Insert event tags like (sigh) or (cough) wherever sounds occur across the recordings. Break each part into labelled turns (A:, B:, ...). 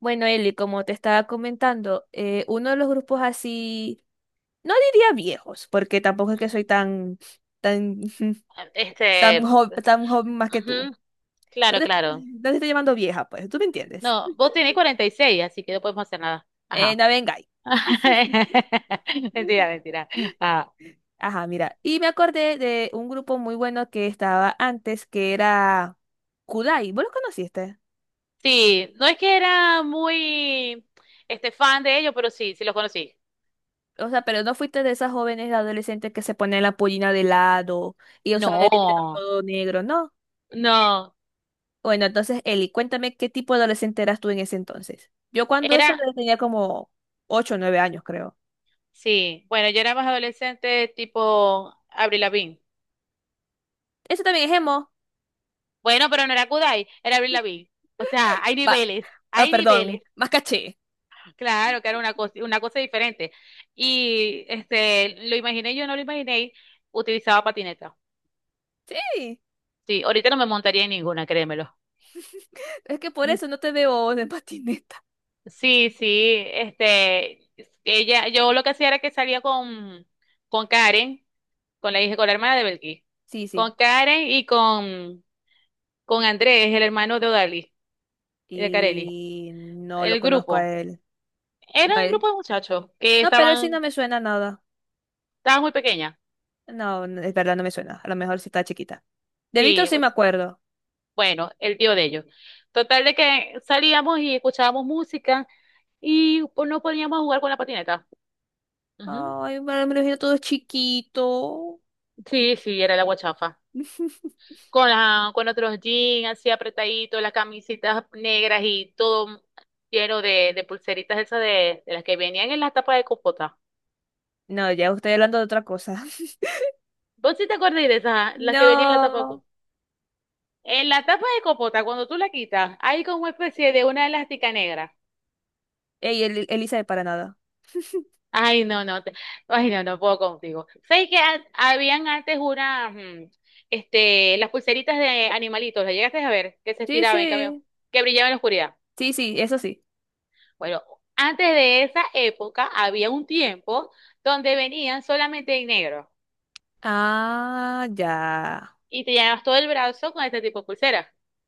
A: Bueno, Eli, como te estaba comentando, uno de los grupos así, no diría viejos, porque tampoco es que soy
B: Ujú.
A: tan, (laughs)
B: Ah,
A: tan joven más que tú.
B: Ujú,
A: No
B: claro,
A: te,
B: claro.
A: no te estoy llamando vieja, pues, tú me entiendes.
B: No, vos tenés 46, así que no podemos hacer nada. Ajá.
A: Navengai. (laughs)
B: (laughs) Mentira, mentira. Ah,
A: Ajá, mira. Y me acordé de un grupo muy bueno que estaba antes, que era Kudai. ¿Vos lo conociste?
B: sí, no es que era muy fan de ellos, pero sí, sí los conocí.
A: O sea, pero no fuiste de esas jóvenes adolescentes que se ponen la pollina de lado y usaban el dinero
B: No,
A: todo negro, ¿no?
B: no,
A: Bueno, entonces, Eli, cuéntame qué tipo de adolescente eras tú en ese entonces. Yo cuando eso
B: era,
A: le tenía como 8 o 9 años, creo.
B: sí. Bueno, yo era más adolescente tipo Avril Lavigne.
A: Eso también es emo.
B: Bueno, pero no era Kudai, era Avril Lavigne. O sea, hay
A: Va,
B: niveles,
A: ah,
B: hay niveles.
A: perdón, más caché.
B: Claro, que era una cosa diferente. Y lo imaginé, yo no lo imaginé, utilizaba patineta.
A: Sí,
B: Sí, ahorita no me montaría en ninguna, créemelo.
A: (laughs) es que por
B: Mm.
A: eso no te veo de patineta.
B: Sí, sí, ella, yo lo que hacía era que salía con Karen, con la hija, con la hermana de Belkis,
A: Sí, sí.
B: con Karen y con Andrés, el hermano de Odali, de Carelli,
A: Y no lo
B: el
A: conozco a
B: grupo.
A: él. No,
B: Era un grupo de muchachos que
A: no, pero él sí no
B: estaban,
A: me suena nada.
B: estaban muy pequeñas.
A: No, no, es verdad, no me suena. A lo mejor sí está chiquita. De Víctor
B: Sí,
A: sí me acuerdo.
B: bueno, el tío de ellos. Total de que salíamos y escuchábamos música y pues, no podíamos jugar con la patineta. Ujú.
A: Ay, me lo imagino todo chiquito.
B: Sí, sí, era la guachafa.
A: (laughs)
B: Con otros jeans así apretaditos, las camisitas negras y todo lleno de pulseritas esas de las que venían en la tapa de compota.
A: No, ya estoy hablando de otra cosa.
B: ¿Vos sí te acordáis de esas, ah? ¿Las que venían en la tapa de
A: No.
B: compota? En la tapa de compota, cuando tú la quitas, hay como una especie de una elástica negra.
A: Ey, Elisa de para nada.
B: Ay, ay, no, no puedo contigo. ¿Sabes que habían antes unas las pulseritas de animalitos? ¿Las llegaste a ver? Que se
A: Sí,
B: estiraban y cambio,
A: sí.
B: que brillaban en la oscuridad.
A: Sí, sí, eso sí.
B: Bueno, antes de esa época había un tiempo donde venían solamente en negro
A: Ah, ya.
B: y te llenabas todo el brazo con este tipo de pulseras.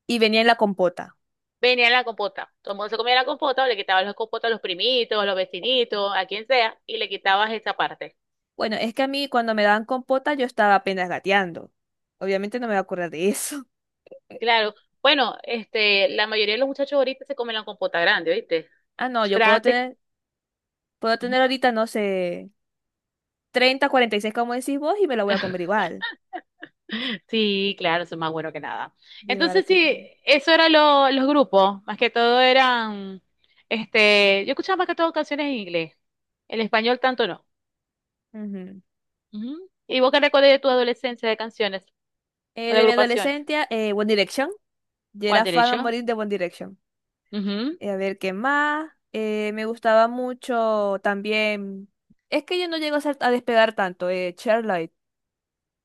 A: Y venía en la compota.
B: Venía la compota. Todo el mundo se comía la compota, o le quitabas las compotas a los primitos, a los vecinitos, a quien sea, y le quitabas esa parte.
A: Bueno, es que a mí cuando me daban compota yo estaba apenas gateando. Obviamente no me voy a acordar de eso. (laughs)
B: Claro. Bueno, la mayoría de los muchachos ahorita se comen la compota grande, ¿viste?
A: Ah, no,
B: Yo
A: yo puedo tener ahorita, no sé, 30, 46, como decís vos y me la voy a comer igual.
B: sí, claro, eso es más bueno que nada.
A: De verdad
B: Entonces,
A: que
B: sí,
A: sí.
B: los grupos, más que todo eran yo escuchaba más que todo canciones en inglés, el español tanto no.
A: Ujú.
B: Ujú. ¿Y vos qué recordás de tu adolescencia de canciones o
A: Eh,
B: de
A: de mi
B: agrupaciones?
A: adolescencia, One Direction. Yo
B: One
A: era fan a
B: Direction.
A: morir de One Direction.
B: Ujú.
A: A ver, ¿qué más? Me gustaba mucho también. Es que yo no llego a, a despegar tanto. Charlotte.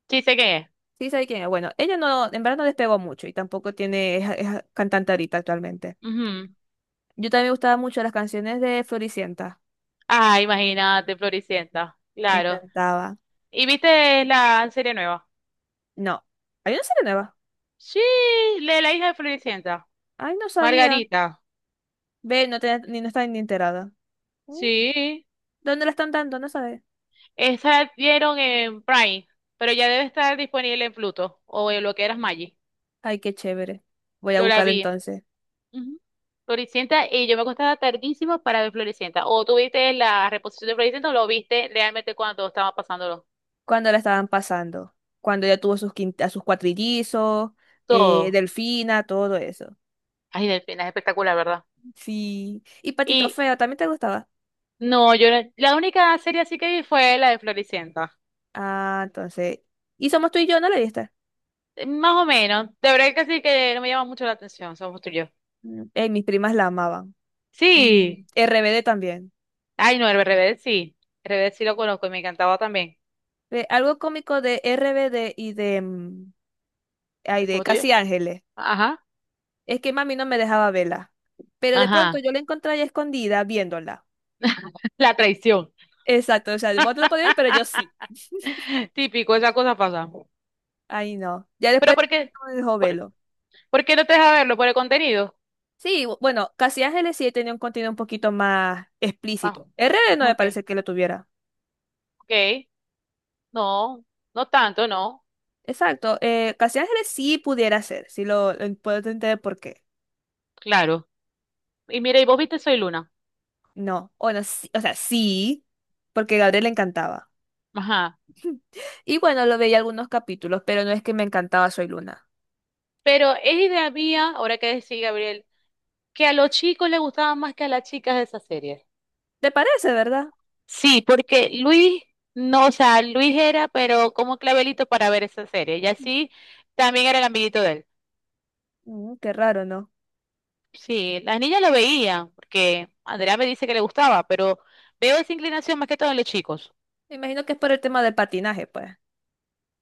B: Sí, sé qué es.
A: ¿Sí sabe quién es? Bueno, ella no, en verdad no despegó mucho y tampoco tiene, es cantante ahorita actualmente.
B: Ujú.
A: Yo también me gustaban mucho las canciones de Floricienta.
B: Ah, imagínate, Floricienta,
A: Me
B: claro.
A: encantaba.
B: ¿Y viste la serie nueva?
A: No. ¿Hay una serie nueva?
B: Sí, la de la hija de Floricienta,
A: Ay, no sabía.
B: Margarita.
A: Ve, no te, ni no está ni enterada. Mm,
B: Sí,
A: ¿Dónde la están dando? No sabes.
B: esa dieron en Prime, pero ya debe estar disponible en Pluto o en lo que era Maggi.
A: Ay, qué chévere. Voy a
B: Yo la
A: buscarla
B: vi.
A: entonces.
B: Ujú. Floricienta, y yo me acostaba tardísimo para ver Floricienta. ¿O tú viste la reposición de Floricienta o lo viste realmente cuando estaba pasándolo?
A: Cuando la estaban pasando, cuando ella tuvo sus a sus cuatrillizos,
B: Todo.
A: Delfina, todo eso.
B: Ay, Delfina, es espectacular, ¿verdad?
A: Sí. Y Patito
B: Y
A: Feo, ¿también te gustaba?
B: no, yo no- la única serie así que vi fue la de Floricienta.
A: Ah, entonces. Y Somos tú y yo, ¿no la viste?
B: Más o menos. De verdad que sí, que no me llama mucho la atención, somos tú y yo.
A: Mm. Mis primas la amaban. Y
B: Sí.
A: RBD también.
B: Ay, no, el Rebelde sí. El Rebelde sí lo conozco y me encantaba también.
A: Ve, algo cómico de RBD y de, mm, ay,
B: ¿Eso
A: de
B: fue tuyo?
A: Casi Ángeles.
B: Ajá,
A: Es que mami no me dejaba verla. Pero de pronto
B: ajá.
A: yo la encontré ahí escondida viéndola.
B: (laughs) La traición.
A: Exacto, o sea, vos no lo podías ver, pero yo sí.
B: (laughs) Típico, esa cosa pasa.
A: Ay, no. Ya
B: ¿Pero
A: después
B: por
A: (laughs)
B: qué?
A: no me dejó
B: ¿Por,
A: verlo.
B: por qué no te deja verlo? ¿Por el contenido?
A: Sí, bueno, Casi Ángeles sí tenía un contenido un poquito más
B: Ah,
A: explícito. RD no me
B: ok,
A: parece que lo tuviera.
B: ok. No, no tanto, no.
A: Exacto, Casi Ángeles sí pudiera ser, sí lo puedo entender por qué.
B: Claro. Y mira, ¿y vos viste Soy Luna?
A: No, bueno, o sea, sí, porque Gabriel le encantaba.
B: Ajá.
A: Y bueno, lo veía algunos capítulos, pero no es que me encantaba Soy Luna.
B: Pero es idea mía, ahora que decís, Gabriel, que a los chicos les gustaba más que a las chicas de esa serie.
A: ¿Te parece, verdad?
B: Sí, porque Luis, no, o sea, Luis era, pero como clavelito para ver esa serie. Y así también era el amiguito de él.
A: Qué raro, ¿no?
B: Sí, las niñas lo veían, porque Andrea me dice que le gustaba, pero veo esa inclinación más que todo en los chicos.
A: Me imagino que es por el tema del patinaje, pues.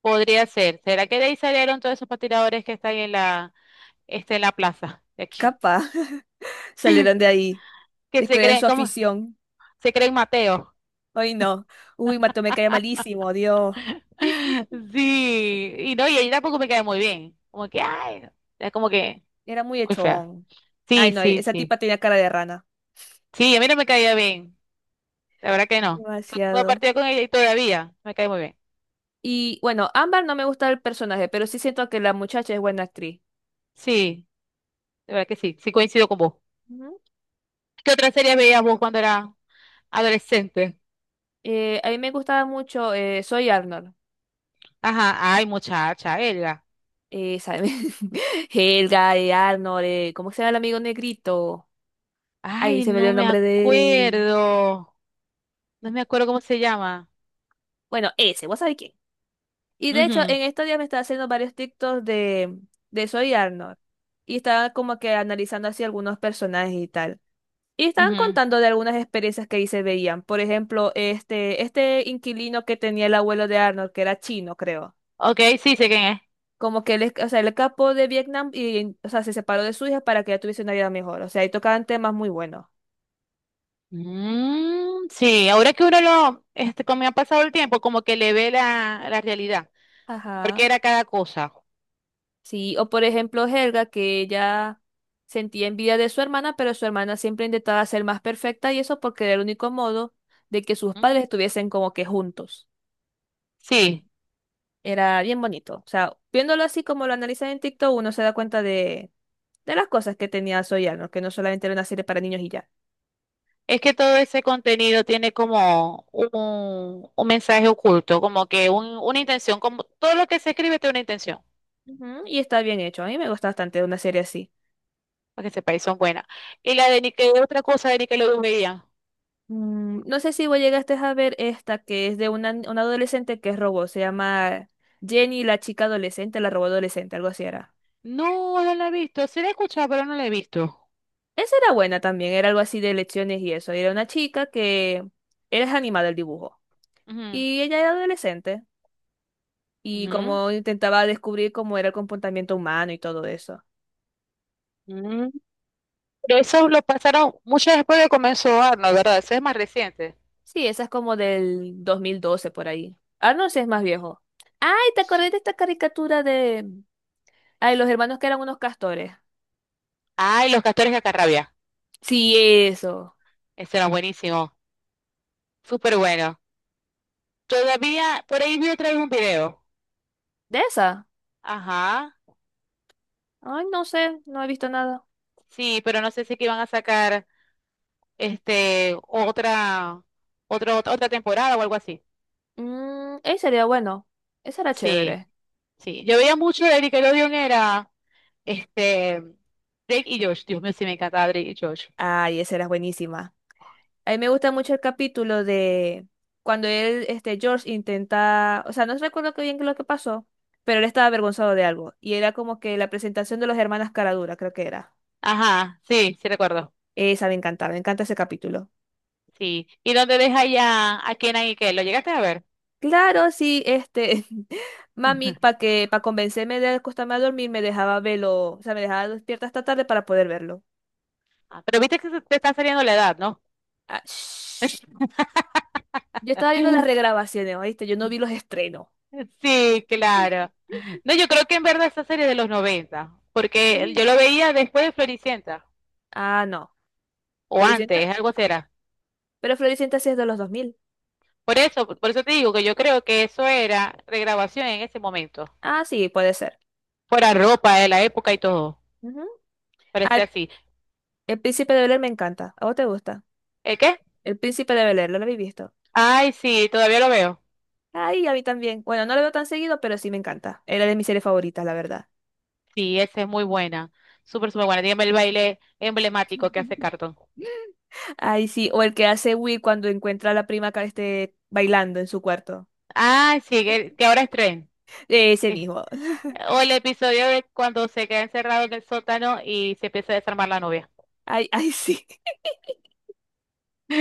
B: Podría ser. ¿Será que de ahí salieron todos esos patiradores que están ahí en la en la plaza (laughs) de aquí?
A: Capaz, (laughs) salieron de ahí,
B: Que se
A: descubrieron
B: creen,
A: su
B: ¿cómo?
A: afición.
B: Se creen Mateo.
A: Ay, no. Uy, Mato me caía malísimo, Dios.
B: (laughs)
A: (laughs)
B: Sí, y no, y ella tampoco me cae muy bien. Como que, ay, es como que
A: Era muy
B: muy fea.
A: echón. Ay,
B: Sí,
A: no,
B: sí,
A: esa
B: sí.
A: tipa tenía cara de rana.
B: Sí, a mí no me caía bien. La verdad que no. No he
A: Demasiado.
B: partido con ella y todavía me cae muy bien.
A: Y bueno, Ámbar no me gusta el personaje, pero sí siento que la muchacha es buena actriz.
B: Sí, de verdad que sí. Sí coincido con vos.
A: Ujú.
B: ¿Qué otra serie veías vos cuando era adolescente?
A: A mí me gustaba mucho Soy Arnold.
B: Ajá, ay, muchacha, Elga.
A: ¿Sabe? (laughs) Helga, Arnold, ¿cómo se llama el amigo negrito? Ay,
B: Ay,
A: se me dio
B: no
A: el
B: me
A: nombre de él.
B: acuerdo. No me acuerdo cómo se llama.
A: Bueno, ese, ¿vos sabés quién? Y de hecho,
B: Ujú,
A: en estos días me estaba haciendo varios TikToks de Soy Arnold. Y estaba como que analizando así algunos personajes y tal. Y estaban
B: ujú.
A: contando de algunas experiencias que ahí se veían. Por ejemplo, este inquilino que tenía el abuelo de Arnold, que era chino, creo.
B: Ok, sí, sé quién es.
A: Como que él, o sea, él escapó de Vietnam y, o sea, se separó de su hija para que ella tuviese una vida mejor. O sea, ahí tocaban temas muy buenos.
B: Mm, sí, ahora que uno lo, como ha pasado el tiempo, como que le ve la realidad, porque
A: Ajá.
B: era cada cosa.
A: Sí, o por ejemplo, Helga, que ella sentía envidia de su hermana, pero su hermana siempre intentaba ser más perfecta y eso porque era el único modo de que sus
B: ¿Mm?
A: padres estuviesen como que juntos.
B: Sí,
A: Era bien bonito. O sea, viéndolo así como lo analizan en TikTok, uno se da cuenta de las cosas que tenía Soyano, que no solamente era una serie para niños y ya.
B: es que todo ese contenido tiene como un mensaje oculto, como que una intención, como todo lo que se escribe tiene una intención,
A: Ujú, y está bien hecho, a mí me gusta bastante una serie así.
B: para que sepáis, son buenas. Y la de Nickelodeon, otra cosa de Nickelodeon veía.
A: No sé si vos llegaste a ver esta que es de una adolescente que es robot, se llama Jenny la chica adolescente, la robot adolescente, algo así era.
B: No, no la he visto, sí la he escuchado, pero no la he visto.
A: Esa era buena también, era algo así de lecciones y eso. Era una chica que era animada el dibujo
B: Ujú,
A: y ella era adolescente y
B: ujú,
A: como intentaba descubrir cómo era el comportamiento humano y todo eso.
B: ujú. Pero eso lo pasaron mucho después de comenzó Arnold, ¿verdad? Eso es más reciente.
A: Sí, esa es como del 2012 por ahí. Arnold sí es más viejo. Ay, ¿te acordás de esta caricatura de... Ay, los hermanos que eran unos castores.
B: Ay, Los Castores de Acarrabia,
A: Sí, eso.
B: ese era buenísimo, súper bueno. Todavía, por ahí vi otra vez un video.
A: ¿De esa?
B: Ajá.
A: Ay, no sé, no he visto nada.
B: Sí, pero no sé si que iban a sacar este otra, otra temporada o algo así.
A: Mmm, ese sería bueno. Esa era
B: Sí,
A: chévere.
B: sí. Yo veía mucho de Nickelodeon era este Drake y Josh. Dios mío, sí me encantaba Drake y Josh.
A: Ay, esa era buenísima. A mí me gusta mucho el capítulo de cuando él, este, George intenta, o sea, no recuerdo qué bien lo que pasó, pero él estaba avergonzado de algo. Y era como que la presentación de los hermanas Caradura, creo que era.
B: Ajá, sí, sí recuerdo.
A: Esa me encanta ese capítulo.
B: Sí. ¿Y dónde deja ya a Kenan y Kel? ¿Lo llegaste a ver?
A: Claro, sí, este, (laughs) mami, para
B: (laughs)
A: que, para convencerme de acostarme a dormir, me dejaba verlo, o sea, me dejaba despierta hasta tarde para poder verlo.
B: Ah, pero viste que te está saliendo la edad, ¿no?
A: Ah, shh.
B: (laughs)
A: Yo estaba viendo las regrabaciones, ¿oíste? Yo no vi los estrenos.
B: (laughs) Sí,
A: (laughs)
B: claro. No, yo creo que en verdad esa serie de los 90, porque yo lo veía después de Floricienta,
A: Ah, no.
B: o
A: Floricienta,
B: antes, algo será.
A: pero Floricienta sí es de los 2000.
B: Por eso te digo que yo creo que eso era regrabación en ese momento.
A: Ah, sí, puede ser.
B: Fuera ropa de la época y todo.
A: Ujú. Ah,
B: Parecía así.
A: el Príncipe de Bel-Air me encanta. ¿A vos te gusta?
B: ¿El qué?
A: El Príncipe de Bel-Air, ¿lo habéis visto?
B: Ay, sí, todavía lo veo.
A: Ay, a mí también. Bueno, no lo veo tan seguido, pero sí me encanta. Era de mis series favoritas, la verdad.
B: Sí, esa es muy buena. Súper, súper buena. Dígame el baile emblemático que hace
A: (laughs)
B: Cartón.
A: Ay, sí, o el que hace Will cuando encuentra a la prima que esté bailando en su cuarto.
B: Ay, sí, que ahora es tren.
A: Ese
B: Es-
A: mismo. (laughs)
B: O el episodio de cuando se queda encerrado en el sótano y se empieza a desarmar la novia.
A: Ay, ay, sí.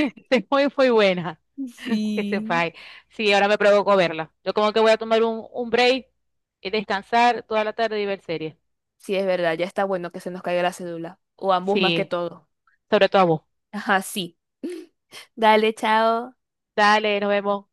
B: (laughs) Es muy, muy buena. Que
A: Sí.
B: sepáis. Sí, ahora me provocó verla. Yo como que voy a tomar un break y descansar toda la tarde y ver series.
A: Sí, es verdad, ya está bueno que se nos caiga la cédula. O ambos más que
B: Sí,
A: todo.
B: sobre todo a vos.
A: Ajá, sí. (laughs) Dale, chao.
B: Dale, nos vemos.